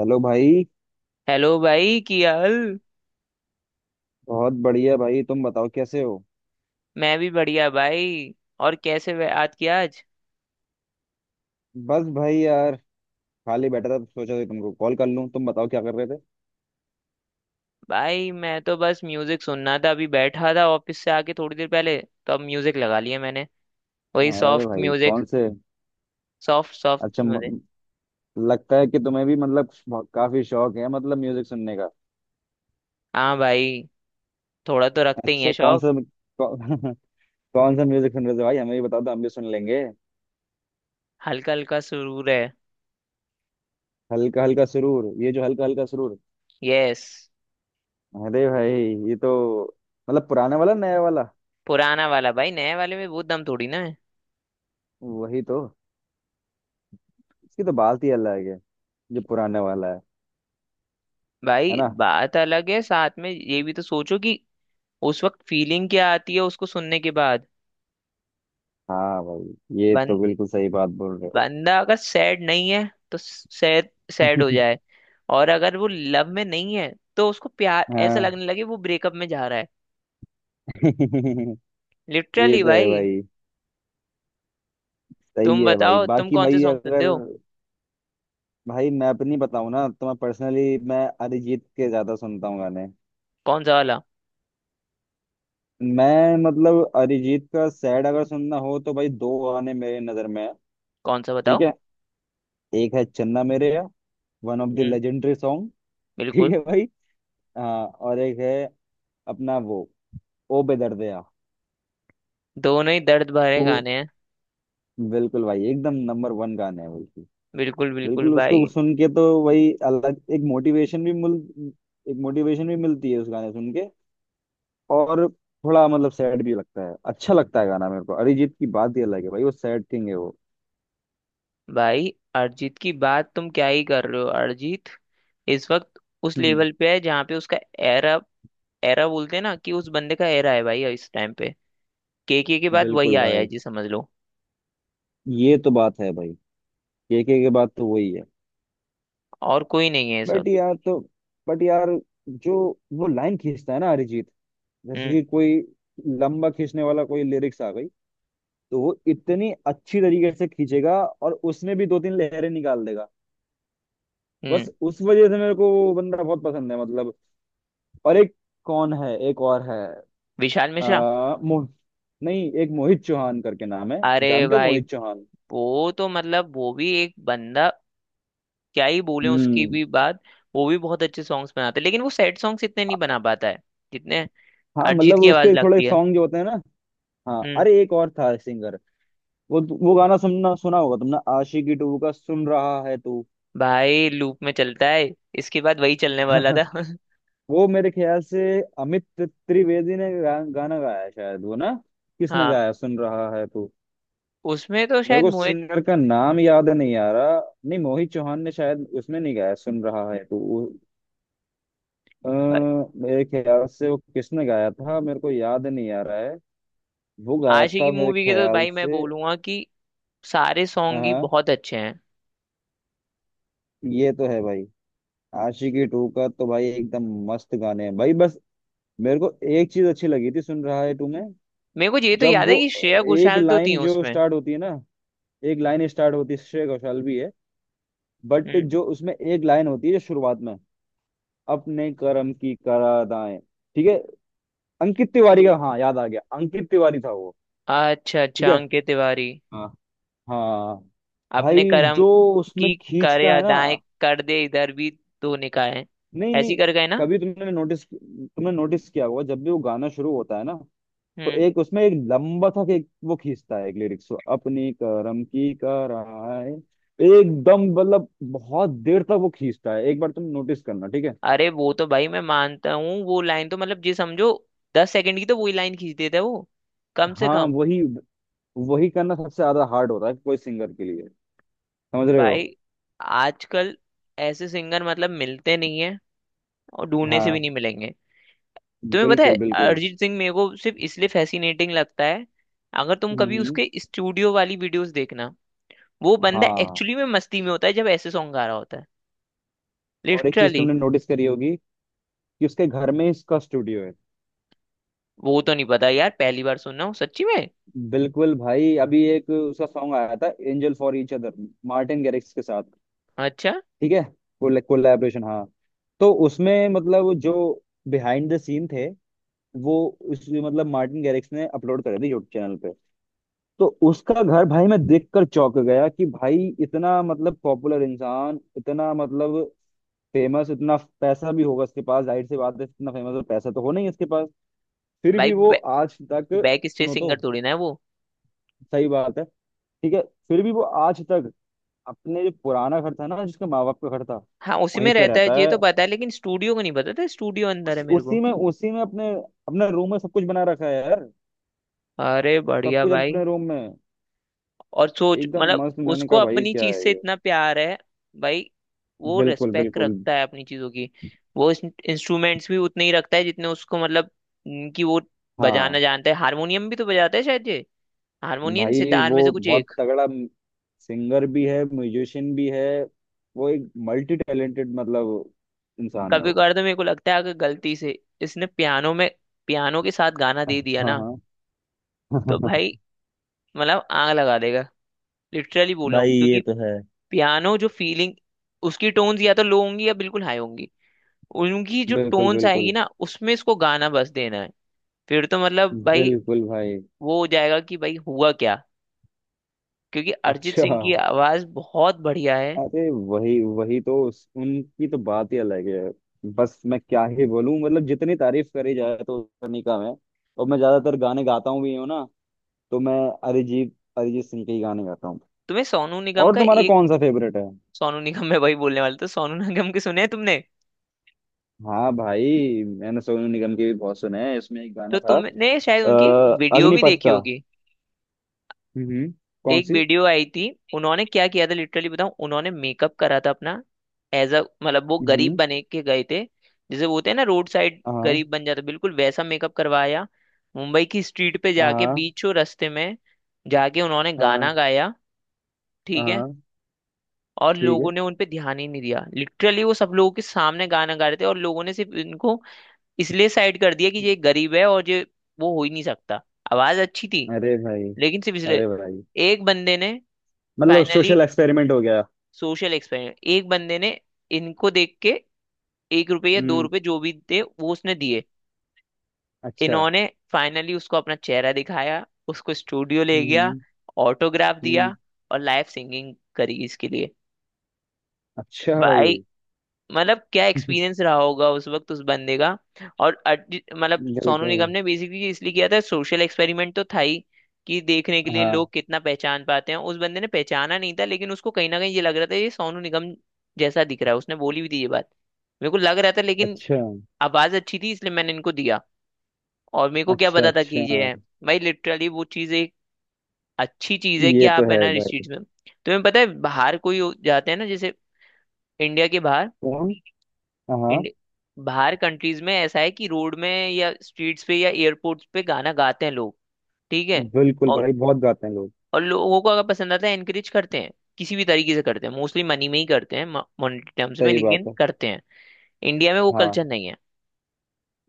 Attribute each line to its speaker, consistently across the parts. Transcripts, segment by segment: Speaker 1: Hello भाई।
Speaker 2: Hello भाई, क्या हाल।
Speaker 1: बहुत बढ़िया भाई, तुम बताओ कैसे हो?
Speaker 2: मैं भी बढ़िया भाई। और कैसे याद किया आज।
Speaker 1: बस भाई यार, खाली बैठा था तो सोचा कि तुमको कॉल कर लूं। तुम बताओ क्या कर रहे थे?
Speaker 2: भाई मैं तो बस म्यूजिक सुनना था, अभी बैठा था ऑफिस से आके थोड़ी देर पहले, तो अब म्यूजिक लगा लिया मैंने। वही
Speaker 1: अरे
Speaker 2: सॉफ्ट
Speaker 1: भाई,
Speaker 2: म्यूजिक।
Speaker 1: कौन से?
Speaker 2: सॉफ्ट सॉफ्ट
Speaker 1: अच्छा
Speaker 2: म्यूजिक।
Speaker 1: लगता है कि तुम्हें भी मतलब काफी शौक है मतलब म्यूजिक सुनने का।
Speaker 2: हाँ भाई, थोड़ा तो रखते ही है
Speaker 1: अच्छा, कौन
Speaker 2: शौक।
Speaker 1: सा? कौ, कौन सा म्यूजिक सुन रहे थे भाई? हमें भी बता दो, हम भी सुन लेंगे।
Speaker 2: हल्का हल्का सुरूर है।
Speaker 1: हल्का हल्का सुरूर, ये जो हल्का हल्का सुरूर।
Speaker 2: यस।
Speaker 1: अरे भाई, ये तो मतलब पुराने वाला, नया वाला?
Speaker 2: पुराना वाला भाई, नए वाले में वो दम थोड़ी ना है।
Speaker 1: वही तो। इसकी तो बात ही अलग है, जो पुराने वाला है। है
Speaker 2: भाई
Speaker 1: ना।
Speaker 2: बात अलग है, साथ में ये भी तो सोचो कि उस वक्त फीलिंग क्या आती है उसको सुनने के बाद।
Speaker 1: हाँ भाई, ये
Speaker 2: बन
Speaker 1: तो बिल्कुल सही बात बोल रहे हो।
Speaker 2: बंदा अगर सैड नहीं है तो सैड सैड हो जाए। और अगर वो लव में नहीं है तो उसको प्यार ऐसा
Speaker 1: हाँ।
Speaker 2: लगने लगे वो ब्रेकअप में जा रहा है।
Speaker 1: ये
Speaker 2: लिटरली
Speaker 1: तो है
Speaker 2: भाई।
Speaker 1: भाई। सही
Speaker 2: तुम
Speaker 1: है भाई।
Speaker 2: बताओ तुम
Speaker 1: बाकी
Speaker 2: कौन से
Speaker 1: भाई
Speaker 2: सॉन्ग सुनते
Speaker 1: अगर।
Speaker 2: हो।
Speaker 1: भाई मैं अपनी बताऊं ना, तो मैं पर्सनली मैं अरिजीत के ज्यादा सुनता हूँ गाने।
Speaker 2: कौन सा वाला।
Speaker 1: मैं मतलब अरिजीत का सैड अगर सुनना हो तो भाई, दो गाने मेरे नजर में है।
Speaker 2: कौन सा
Speaker 1: ठीक
Speaker 2: बताओ।
Speaker 1: है। एक है चन्ना मेरे या, one of the
Speaker 2: hmm.
Speaker 1: Legendary song. ठीक
Speaker 2: बिल्कुल।
Speaker 1: है भाई। हाँ, और एक है अपना वो, ओ बेदर्दया।
Speaker 2: दोनों ही दर्द भरे
Speaker 1: तो
Speaker 2: गाने हैं।
Speaker 1: बिल्कुल भाई, एकदम नंबर वन गाने हैं भाई।
Speaker 2: बिल्कुल बिल्कुल
Speaker 1: बिल्कुल उसको
Speaker 2: भाई।
Speaker 1: सुन के तो वही अलग। एक मोटिवेशन भी मिल एक मोटिवेशन भी मिलती है उस गाने सुन के। और थोड़ा मतलब सैड भी लगता है, अच्छा लगता है गाना मेरे को। अरिजीत की बात ही अलग है भाई, वो सैड किंग है वो।
Speaker 2: भाई अरिजीत की बात तुम क्या ही कर रहे हो। अरिजीत इस वक्त उस
Speaker 1: हम्म।
Speaker 2: लेवल पे है जहाँ पे उसका एरा, बोलते हैं ना कि उस बंदे का एरा है भाई इस टाइम पे। केके के बाद वही
Speaker 1: बिल्कुल
Speaker 2: आया है
Speaker 1: भाई।
Speaker 2: जी समझ लो।
Speaker 1: ये तो बात है भाई, के बात तो वही है।
Speaker 2: और कोई नहीं है इस
Speaker 1: बट
Speaker 2: वक्त।
Speaker 1: यार तो बट यार, जो वो लाइन खींचता है ना अरिजीत, जैसे
Speaker 2: हम्म।
Speaker 1: कि कोई लंबा खींचने वाला कोई लिरिक्स आ गई, तो वो इतनी अच्छी तरीके से खींचेगा और उसमें भी दो तीन लहरें निकाल देगा।
Speaker 2: हम्म।
Speaker 1: बस उस वजह से मेरे को वो बंदा बहुत पसंद है मतलब। और एक, कौन है, एक और है।
Speaker 2: विशाल मिश्रा।
Speaker 1: मोह नहीं, एक मोहित चौहान करके नाम है।
Speaker 2: अरे
Speaker 1: जानते हो
Speaker 2: भाई,
Speaker 1: मोहित चौहान?
Speaker 2: वो तो मतलब वो भी एक बंदा, क्या ही बोले उसकी
Speaker 1: हम्म।
Speaker 2: भी बात। वो भी बहुत अच्छे सॉन्ग्स बनाते हैं लेकिन वो सैड सॉन्ग्स इतने नहीं बना पाता है जितने
Speaker 1: हाँ
Speaker 2: अरिजीत
Speaker 1: मतलब,
Speaker 2: की आवाज
Speaker 1: उसके थोड़े
Speaker 2: लगती है।
Speaker 1: सॉन्ग जो होते हैं ना। हाँ,
Speaker 2: हम्म।
Speaker 1: अरे एक और था सिंगर। वो गाना सुनना सुना होगा तुमने, आशिकी टू का, सुन रहा है तू।
Speaker 2: भाई लूप में चलता है, इसके बाद वही चलने वाला था।
Speaker 1: वो मेरे ख्याल से अमित त्रिवेदी ने गाना गाया है शायद, वो ना। किसने
Speaker 2: हाँ,
Speaker 1: गाया है, सुन रहा है तू?
Speaker 2: उसमें तो
Speaker 1: मेरे
Speaker 2: शायद
Speaker 1: को
Speaker 2: मोहित।
Speaker 1: सिंगर का नाम याद नहीं आ रहा। नहीं, मोहित चौहान ने शायद उसमें नहीं गाया, सुन रहा है तो वो, अ,
Speaker 2: भाई,
Speaker 1: मेरे ख्याल से वो किसने गाया था मेरे को याद नहीं आ रहा है। वो गाया
Speaker 2: आशिकी
Speaker 1: था मेरे
Speaker 2: मूवी के तो
Speaker 1: ख्याल
Speaker 2: भाई मैं
Speaker 1: से।
Speaker 2: बोलूंगा कि सारे सॉन्ग ही
Speaker 1: हाँ,
Speaker 2: बहुत अच्छे हैं।
Speaker 1: ये तो है भाई। आशिकी टू का तो भाई एकदम मस्त गाने हैं भाई, बस। मेरे को एक चीज अच्छी लगी थी, सुन रहा है टू में।
Speaker 2: मेरे को ये तो
Speaker 1: जब
Speaker 2: याद है
Speaker 1: वो
Speaker 2: कि श्रेया
Speaker 1: एक
Speaker 2: घोषाल तो थी
Speaker 1: लाइन जो
Speaker 2: उसमें।
Speaker 1: स्टार्ट होती है ना, एक लाइन स्टार्ट होती है, श्रेय घोषाल भी है। बट
Speaker 2: हम्म।
Speaker 1: जो उसमें एक लाइन होती है जो शुरुआत में, अपने कर्म की करा अदाएं। ठीक है। अंकित तिवारी का, हाँ याद आ गया, अंकित तिवारी था वो।
Speaker 2: अच्छा
Speaker 1: ठीक
Speaker 2: अच्छा,
Speaker 1: है।
Speaker 2: अंकित तिवारी।
Speaker 1: हाँ। हाँ
Speaker 2: अपने
Speaker 1: भाई,
Speaker 2: कर्म
Speaker 1: जो उसमें
Speaker 2: की करे
Speaker 1: खींचता है ना।
Speaker 2: अदाएं, कर दे इधर भी, दो निकाय
Speaker 1: नहीं
Speaker 2: ऐसी
Speaker 1: नहीं।
Speaker 2: कर गए ना।
Speaker 1: कभी तुमने नोटिस किया होगा जब भी वो गाना शुरू होता है ना, तो
Speaker 2: हम्म।
Speaker 1: एक उसमें एक लंबा था कि वो खींचता है एक लिरिक्स को, अपनी करम की कराए। एकदम मतलब बहुत देर तक वो खींचता है। एक बार तुम नोटिस करना, ठीक है।
Speaker 2: अरे वो तो भाई मैं मानता हूँ, वो लाइन तो मतलब जी समझो 10 सेकंड की तो वही लाइन खींच देता है वो, कम से
Speaker 1: हाँ,
Speaker 2: कम।
Speaker 1: वही वही करना सबसे ज्यादा हार्ड होता है कोई सिंगर के लिए। समझ रहे हो?
Speaker 2: भाई आजकल ऐसे सिंगर मतलब मिलते नहीं है, और ढूंढने से भी
Speaker 1: हाँ,
Speaker 2: नहीं मिलेंगे। तुम्हें पता है,
Speaker 1: बिल्कुल बिल्कुल।
Speaker 2: अरिजीत सिंह मेरे को सिर्फ इसलिए फैसिनेटिंग लगता है, अगर तुम कभी
Speaker 1: हम्म।
Speaker 2: उसके स्टूडियो वाली वीडियोस देखना, वो बंदा
Speaker 1: हाँ,
Speaker 2: एक्चुअली में मस्ती में होता है जब ऐसे सॉन्ग गा रहा होता है।
Speaker 1: और एक चीज
Speaker 2: लिटरली।
Speaker 1: तुमने नोटिस करी होगी कि उसके घर में इसका स्टूडियो है।
Speaker 2: वो तो नहीं पता यार, पहली बार सुन रहा हूँ सच्ची में।
Speaker 1: बिल्कुल भाई, अभी एक उसका सॉन्ग आया था, angel for each other, Martin Garrix के साथ।
Speaker 2: अच्छा
Speaker 1: ठीक है। कोलैबोरेशन, हाँ। तो उसमें मतलब जो बिहाइंड द सीन थे वो, उस मतलब, मार्टिन गैरिक्स ने अपलोड करे थे यूट्यूब चैनल पे। तो उसका घर भाई मैं देखकर चौंक गया कि भाई इतना मतलब पॉपुलर इंसान, इतना मतलब फेमस, इतना पैसा भी होगा इसके पास, जाहिर सी बात है, इतना फेमस और पैसा तो हो नहीं इसके पास। फिर
Speaker 2: भाई।
Speaker 1: भी वो आज तक।
Speaker 2: बैक स्टेज
Speaker 1: सुनो तो।
Speaker 2: सिंगर थोड़ी ना है वो।
Speaker 1: सही बात है, ठीक है। फिर भी वो आज तक अपने जो पुराना घर था ना, जिसके माँ बाप का घर था,
Speaker 2: हाँ उसी
Speaker 1: वहीं
Speaker 2: में
Speaker 1: पे
Speaker 2: रहता है
Speaker 1: रहता
Speaker 2: ये
Speaker 1: है।
Speaker 2: तो पता है, लेकिन स्टूडियो को नहीं पता था, स्टूडियो अंदर है
Speaker 1: उसी
Speaker 2: मेरे को।
Speaker 1: उसी में अपने अपने रूम में सब कुछ बना रखा है यार।
Speaker 2: अरे
Speaker 1: सब
Speaker 2: बढ़िया
Speaker 1: कुछ
Speaker 2: भाई।
Speaker 1: अपने रूम में।
Speaker 2: और सोच
Speaker 1: एकदम
Speaker 2: मतलब,
Speaker 1: मस्त, मैंने
Speaker 2: उसको
Speaker 1: कहा भाई
Speaker 2: अपनी
Speaker 1: क्या
Speaker 2: चीज
Speaker 1: है
Speaker 2: से
Speaker 1: ये।
Speaker 2: इतना प्यार है भाई, वो
Speaker 1: बिल्कुल
Speaker 2: रिस्पेक्ट
Speaker 1: बिल्कुल।
Speaker 2: रखता है अपनी चीजों की। वो इंस्ट्रूमेंट्स भी उतने ही रखता है जितने उसको मतलब कि वो बजाना
Speaker 1: हाँ
Speaker 2: जानता है। हारमोनियम भी तो बजाता है शायद, हारमोनियम
Speaker 1: भाई,
Speaker 2: सितार
Speaker 1: वो
Speaker 2: में से कुछ
Speaker 1: बहुत
Speaker 2: एक।
Speaker 1: तगड़ा सिंगर भी है, म्यूजिशियन भी है, वो एक मल्टी टैलेंटेड मतलब इंसान है
Speaker 2: कभी
Speaker 1: वो।
Speaker 2: कभार तो मेरे को लगता है अगर गलती से इसने पियानो में, पियानो के साथ गाना
Speaker 1: हाँ
Speaker 2: दे दिया ना,
Speaker 1: हाँ।
Speaker 2: तो भाई मतलब आग लगा देगा। लिटरली बोल रहा
Speaker 1: भाई
Speaker 2: हूँ, क्योंकि
Speaker 1: ये तो है।
Speaker 2: पियानो जो फीलिंग, उसकी टोन्स या तो लो होंगी या बिल्कुल हाई होंगी, उनकी जो
Speaker 1: बिल्कुल
Speaker 2: टोन्स आएगी
Speaker 1: बिल्कुल
Speaker 2: ना उसमें इसको गाना बस देना है। फिर तो मतलब भाई
Speaker 1: बिल्कुल भाई।
Speaker 2: वो हो जाएगा कि भाई हुआ क्या। क्योंकि अरिजीत
Speaker 1: अच्छा।
Speaker 2: सिंह की आवाज बहुत बढ़िया है।
Speaker 1: अरे वही वही तो उनकी तो बात ही अलग है। बस मैं क्या ही बोलूं, मतलब जितनी तारीफ करी जाए तो उतनी कम है। और मैं ज्यादातर गाने गाता हूँ भी हूँ ना, तो मैं अरिजीत अरिजीत सिंह के ही गाने गाता हूँ।
Speaker 2: तुम्हें सोनू निगम
Speaker 1: और
Speaker 2: का
Speaker 1: तुम्हारा
Speaker 2: एक,
Speaker 1: कौन सा फेवरेट है?
Speaker 2: सोनू निगम में वही बोलने वाला था। सोनू निगम के सुने हैं तुमने,
Speaker 1: हाँ भाई, मैंने सोनू निगम के भी बहुत सुने हैं, इसमें एक
Speaker 2: तो
Speaker 1: गाना था।
Speaker 2: तुमने शायद उनकी एक
Speaker 1: अ,
Speaker 2: वीडियो भी
Speaker 1: अग्निपथ
Speaker 2: देखी
Speaker 1: का।
Speaker 2: होगी।
Speaker 1: हम्म। कौन
Speaker 2: एक
Speaker 1: सी?
Speaker 2: वीडियो आई थी। उन्होंने क्या किया था लिटरली बताऊं, उन्होंने मेकअप करा था अपना, एज अ मतलब वो गरीब
Speaker 1: हम्म।
Speaker 2: बने के गए थे। जैसे वो होते हैं ना रोड साइड
Speaker 1: हाँ
Speaker 2: गरीब, बन जाते बिल्कुल वैसा, मेकअप करवाया, मुंबई की स्ट्रीट पे जाके
Speaker 1: हाँ
Speaker 2: बीचों रास्ते में जाके उन्होंने
Speaker 1: हाँ
Speaker 2: गाना गाया। ठीक है।
Speaker 1: हाँ,
Speaker 2: और
Speaker 1: ठीक
Speaker 2: लोगों
Speaker 1: है।
Speaker 2: ने उन पे ध्यान ही नहीं दिया। लिटरली वो सब लोगों के सामने गाना गा रहे थे और लोगों ने सिर्फ इनको इसलिए साइड कर दिया कि ये गरीब है और ये वो हो ही नहीं सकता। आवाज अच्छी थी,
Speaker 1: अरे भाई।
Speaker 2: लेकिन सिर्फ इसलिए।
Speaker 1: अरे भाई,
Speaker 2: एक बंदे ने
Speaker 1: मतलब
Speaker 2: फाइनली,
Speaker 1: सोशल एक्सपेरिमेंट हो गया।
Speaker 2: सोशल एक्सपेरिमेंट, एक बंदे ने इनको देख के एक रुपये या दो
Speaker 1: हम्म।
Speaker 2: रुपये जो भी थे वो उसने दिए।
Speaker 1: अच्छा।
Speaker 2: इन्होंने फाइनली उसको अपना चेहरा दिखाया, उसको स्टूडियो ले गया,
Speaker 1: हम्म
Speaker 2: ऑटोग्राफ
Speaker 1: हम्म।
Speaker 2: दिया, और लाइव सिंगिंग करी इसके लिए।
Speaker 1: अच्छा भाई।
Speaker 2: भाई मतलब क्या एक्सपीरियंस रहा होगा उस वक्त उस बंदे का। और मतलब सोनू
Speaker 1: बिल्कुल।
Speaker 2: निगम ने बेसिकली इसलिए किया था, सोशल एक्सपेरिमेंट तो था ही, कि देखने के लिए
Speaker 1: हाँ,
Speaker 2: लोग कितना पहचान पाते हैं। उस बंदे ने पहचाना नहीं था, लेकिन उसको कहीं ना कहीं ये लग रहा था ये सोनू निगम जैसा दिख रहा है, उसने बोली भी थी ये बात, मेरे को लग रहा था, लेकिन
Speaker 1: अच्छा
Speaker 2: आवाज अच्छी थी इसलिए मैंने इनको दिया, और मेरे को क्या
Speaker 1: अच्छा।
Speaker 2: पता था कि
Speaker 1: अच्छा,
Speaker 2: ये है। भाई लिटरली वो चीज एक अच्छी चीज है कि
Speaker 1: ये तो
Speaker 2: आप है
Speaker 1: है
Speaker 2: ना स्ट्रीट्स
Speaker 1: भाई।
Speaker 2: में। तुम्हें पता है बाहर कोई जाते हैं ना, जैसे इंडिया के बाहर,
Speaker 1: कौन? हाँ,
Speaker 2: इंड- बाहर कंट्रीज में ऐसा है कि रोड में या स्ट्रीट्स पे या एयरपोर्ट्स पे गाना गाते हैं लोग। ठीक है।
Speaker 1: बिल्कुल
Speaker 2: और
Speaker 1: भाई, बहुत गाते हैं लोग।
Speaker 2: और लोगों को अगर पसंद आता है एनकरेज करते हैं, किसी भी तरीके से करते हैं, मोस्टली मनी में ही करते हैं, मॉनेटरी टर्म्स में,
Speaker 1: सही बात
Speaker 2: लेकिन
Speaker 1: है।
Speaker 2: करते हैं। इंडिया में वो
Speaker 1: हाँ।
Speaker 2: कल्चर नहीं है।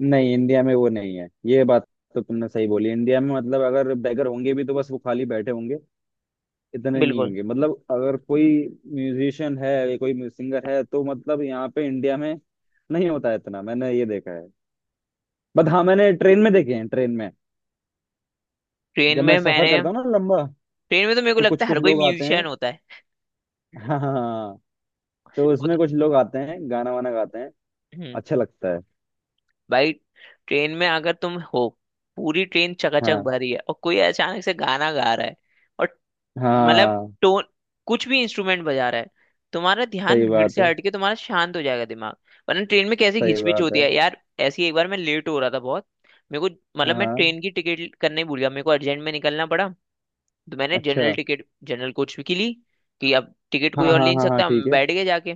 Speaker 1: नहीं, इंडिया में वो नहीं है ये बात। तो तुमने सही बोली, इंडिया में मतलब अगर बैगर होंगे भी तो बस वो खाली बैठे होंगे, इतने नहीं
Speaker 2: बिल्कुल।
Speaker 1: होंगे, मतलब अगर कोई म्यूजिशियन है या कोई सिंगर है तो मतलब यहाँ पे इंडिया में नहीं होता है इतना, मैंने ये देखा है। बट हाँ, मैंने ट्रेन में देखे हैं, ट्रेन में,
Speaker 2: ट्रेन
Speaker 1: जब मैं
Speaker 2: में
Speaker 1: सफर
Speaker 2: मैंने,
Speaker 1: करता हूँ ना लंबा,
Speaker 2: ट्रेन में तो मेरे को
Speaker 1: तो कुछ
Speaker 2: लगता है
Speaker 1: कुछ
Speaker 2: हर कोई
Speaker 1: लोग आते हैं।
Speaker 2: म्यूजिशियन होता है।
Speaker 1: हाँ हाँ हाँ। तो
Speaker 2: वो तो,
Speaker 1: उसमें कुछ लोग आते हैं गाना वाना गाते हैं।
Speaker 2: हम्म,
Speaker 1: अच्छा लगता है।
Speaker 2: भाई ट्रेन में अगर तुम हो, पूरी ट्रेन चकाचक
Speaker 1: हाँ
Speaker 2: भरी है और कोई अचानक से गाना गा रहा है, और मतलब
Speaker 1: हाँ।
Speaker 2: टोन, कुछ भी इंस्ट्रूमेंट बजा रहा है, तुम्हारा ध्यान
Speaker 1: सही
Speaker 2: भीड़
Speaker 1: बात
Speaker 2: से
Speaker 1: है।
Speaker 2: हट के, तुम्हारा शांत हो जाएगा दिमाग। वरना ट्रेन में कैसी
Speaker 1: सही
Speaker 2: घिचपिच
Speaker 1: बात
Speaker 2: होती
Speaker 1: है।
Speaker 2: है यार। ऐसी एक बार मैं लेट हो रहा था बहुत, मेरे को
Speaker 1: हाँ
Speaker 2: मतलब मैं
Speaker 1: हाँ।
Speaker 2: ट्रेन की टिकट करने ही भूल गया, मेरे को अर्जेंट में निकलना पड़ा, तो मैंने जनरल
Speaker 1: अच्छा।
Speaker 2: टिकट, जनरल कोच की ली, कि अब टिकट
Speaker 1: हाँ
Speaker 2: कोई और ले
Speaker 1: हाँ
Speaker 2: नहीं
Speaker 1: हाँ हाँ,
Speaker 2: सकता,
Speaker 1: ठीक
Speaker 2: मैं
Speaker 1: है।
Speaker 2: बैठ गया जाके।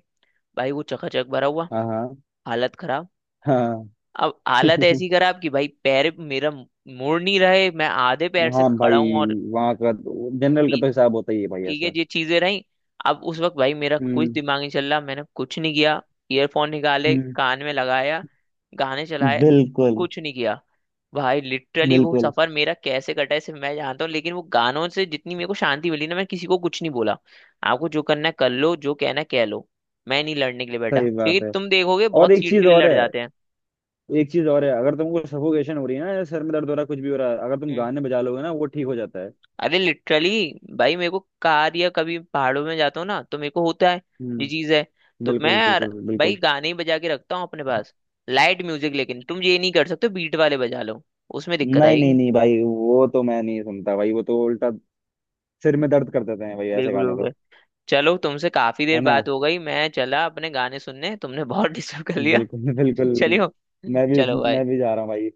Speaker 2: भाई वो चकाचक भरा हुआ,
Speaker 1: हाँ हाँ।
Speaker 2: हालत खराब।
Speaker 1: हाँ।
Speaker 2: अब हालत ऐसी खराब कि भाई पैर मेरा मुड़ नहीं रहे, मैं आधे पैर से
Speaker 1: हाँ
Speaker 2: खड़ा
Speaker 1: भाई,
Speaker 2: हूँ और
Speaker 1: वहाँ का, जनरल का तो हिसाब होता ही है भाई
Speaker 2: ठीक है
Speaker 1: ऐसा।
Speaker 2: ये चीजें रही। अब उस वक्त भाई मेरा कुछ
Speaker 1: हम्म
Speaker 2: दिमाग नहीं चल रहा, मैंने कुछ नहीं किया, ईयरफोन निकाले,
Speaker 1: हम्म।
Speaker 2: कान में लगाया, गाने चलाए,
Speaker 1: बिल्कुल
Speaker 2: कुछ नहीं किया। भाई लिटरली वो
Speaker 1: बिल्कुल।
Speaker 2: सफर मेरा कैसे कटा है सिर्फ मैं जानता हूँ, लेकिन वो गानों से जितनी मेरे को शांति मिली ना, मैं किसी को कुछ नहीं बोला। आपको जो करना है कर लो, जो कहना है कह लो, मैं नहीं लड़ने के लिए बैठा,
Speaker 1: सही
Speaker 2: क्योंकि
Speaker 1: बात है।
Speaker 2: तुम देखोगे
Speaker 1: और
Speaker 2: बहुत
Speaker 1: एक
Speaker 2: सीट
Speaker 1: चीज
Speaker 2: के लिए
Speaker 1: और
Speaker 2: लड़
Speaker 1: है,
Speaker 2: जाते
Speaker 1: एक चीज और है, अगर तुमको सफोकेशन हो रही है ना, या सर में दर्द हो रहा है, कुछ भी हो रहा है अगर तुम
Speaker 2: हैं।
Speaker 1: गाने बजा लोगे ना, वो ठीक हो जाता है।
Speaker 2: अरे लिटरली, भाई मेरे को कार या कभी पहाड़ों में जाता हूँ ना तो मेरे को होता है ये
Speaker 1: हम्म।
Speaker 2: चीज है। तो मैं
Speaker 1: बिल्कुल
Speaker 2: यार
Speaker 1: बिल्कुल
Speaker 2: भाई
Speaker 1: बिल्कुल।
Speaker 2: गाने ही बजा के रखता हूँ अपने पास, लाइट म्यूजिक। लेकिन तुम ये नहीं कर सकते बीट वाले बजा लो, उसमें दिक्कत
Speaker 1: नहीं नहीं
Speaker 2: आएगी।
Speaker 1: नहीं भाई, वो तो मैं नहीं सुनता भाई, वो तो उल्टा सिर में दर्द कर देते हैं भाई, ऐसे
Speaker 2: बिल्कुल
Speaker 1: गाने तो।
Speaker 2: बिल्कुल। चलो तुमसे काफी
Speaker 1: है
Speaker 2: देर
Speaker 1: ना।
Speaker 2: बात हो गई, मैं चला अपने गाने सुनने, तुमने बहुत डिस्टर्ब कर लिया।
Speaker 1: बिल्कुल बिल्कुल।
Speaker 2: चलियो।
Speaker 1: मैं भी।
Speaker 2: चलो भाई।
Speaker 1: मैं भी जा रहा हूँ भाई।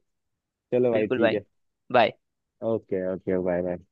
Speaker 1: चलो भाई,
Speaker 2: बिल्कुल
Speaker 1: ठीक
Speaker 2: भाई।
Speaker 1: है।
Speaker 2: Bye.
Speaker 1: Okay okay, bye bye.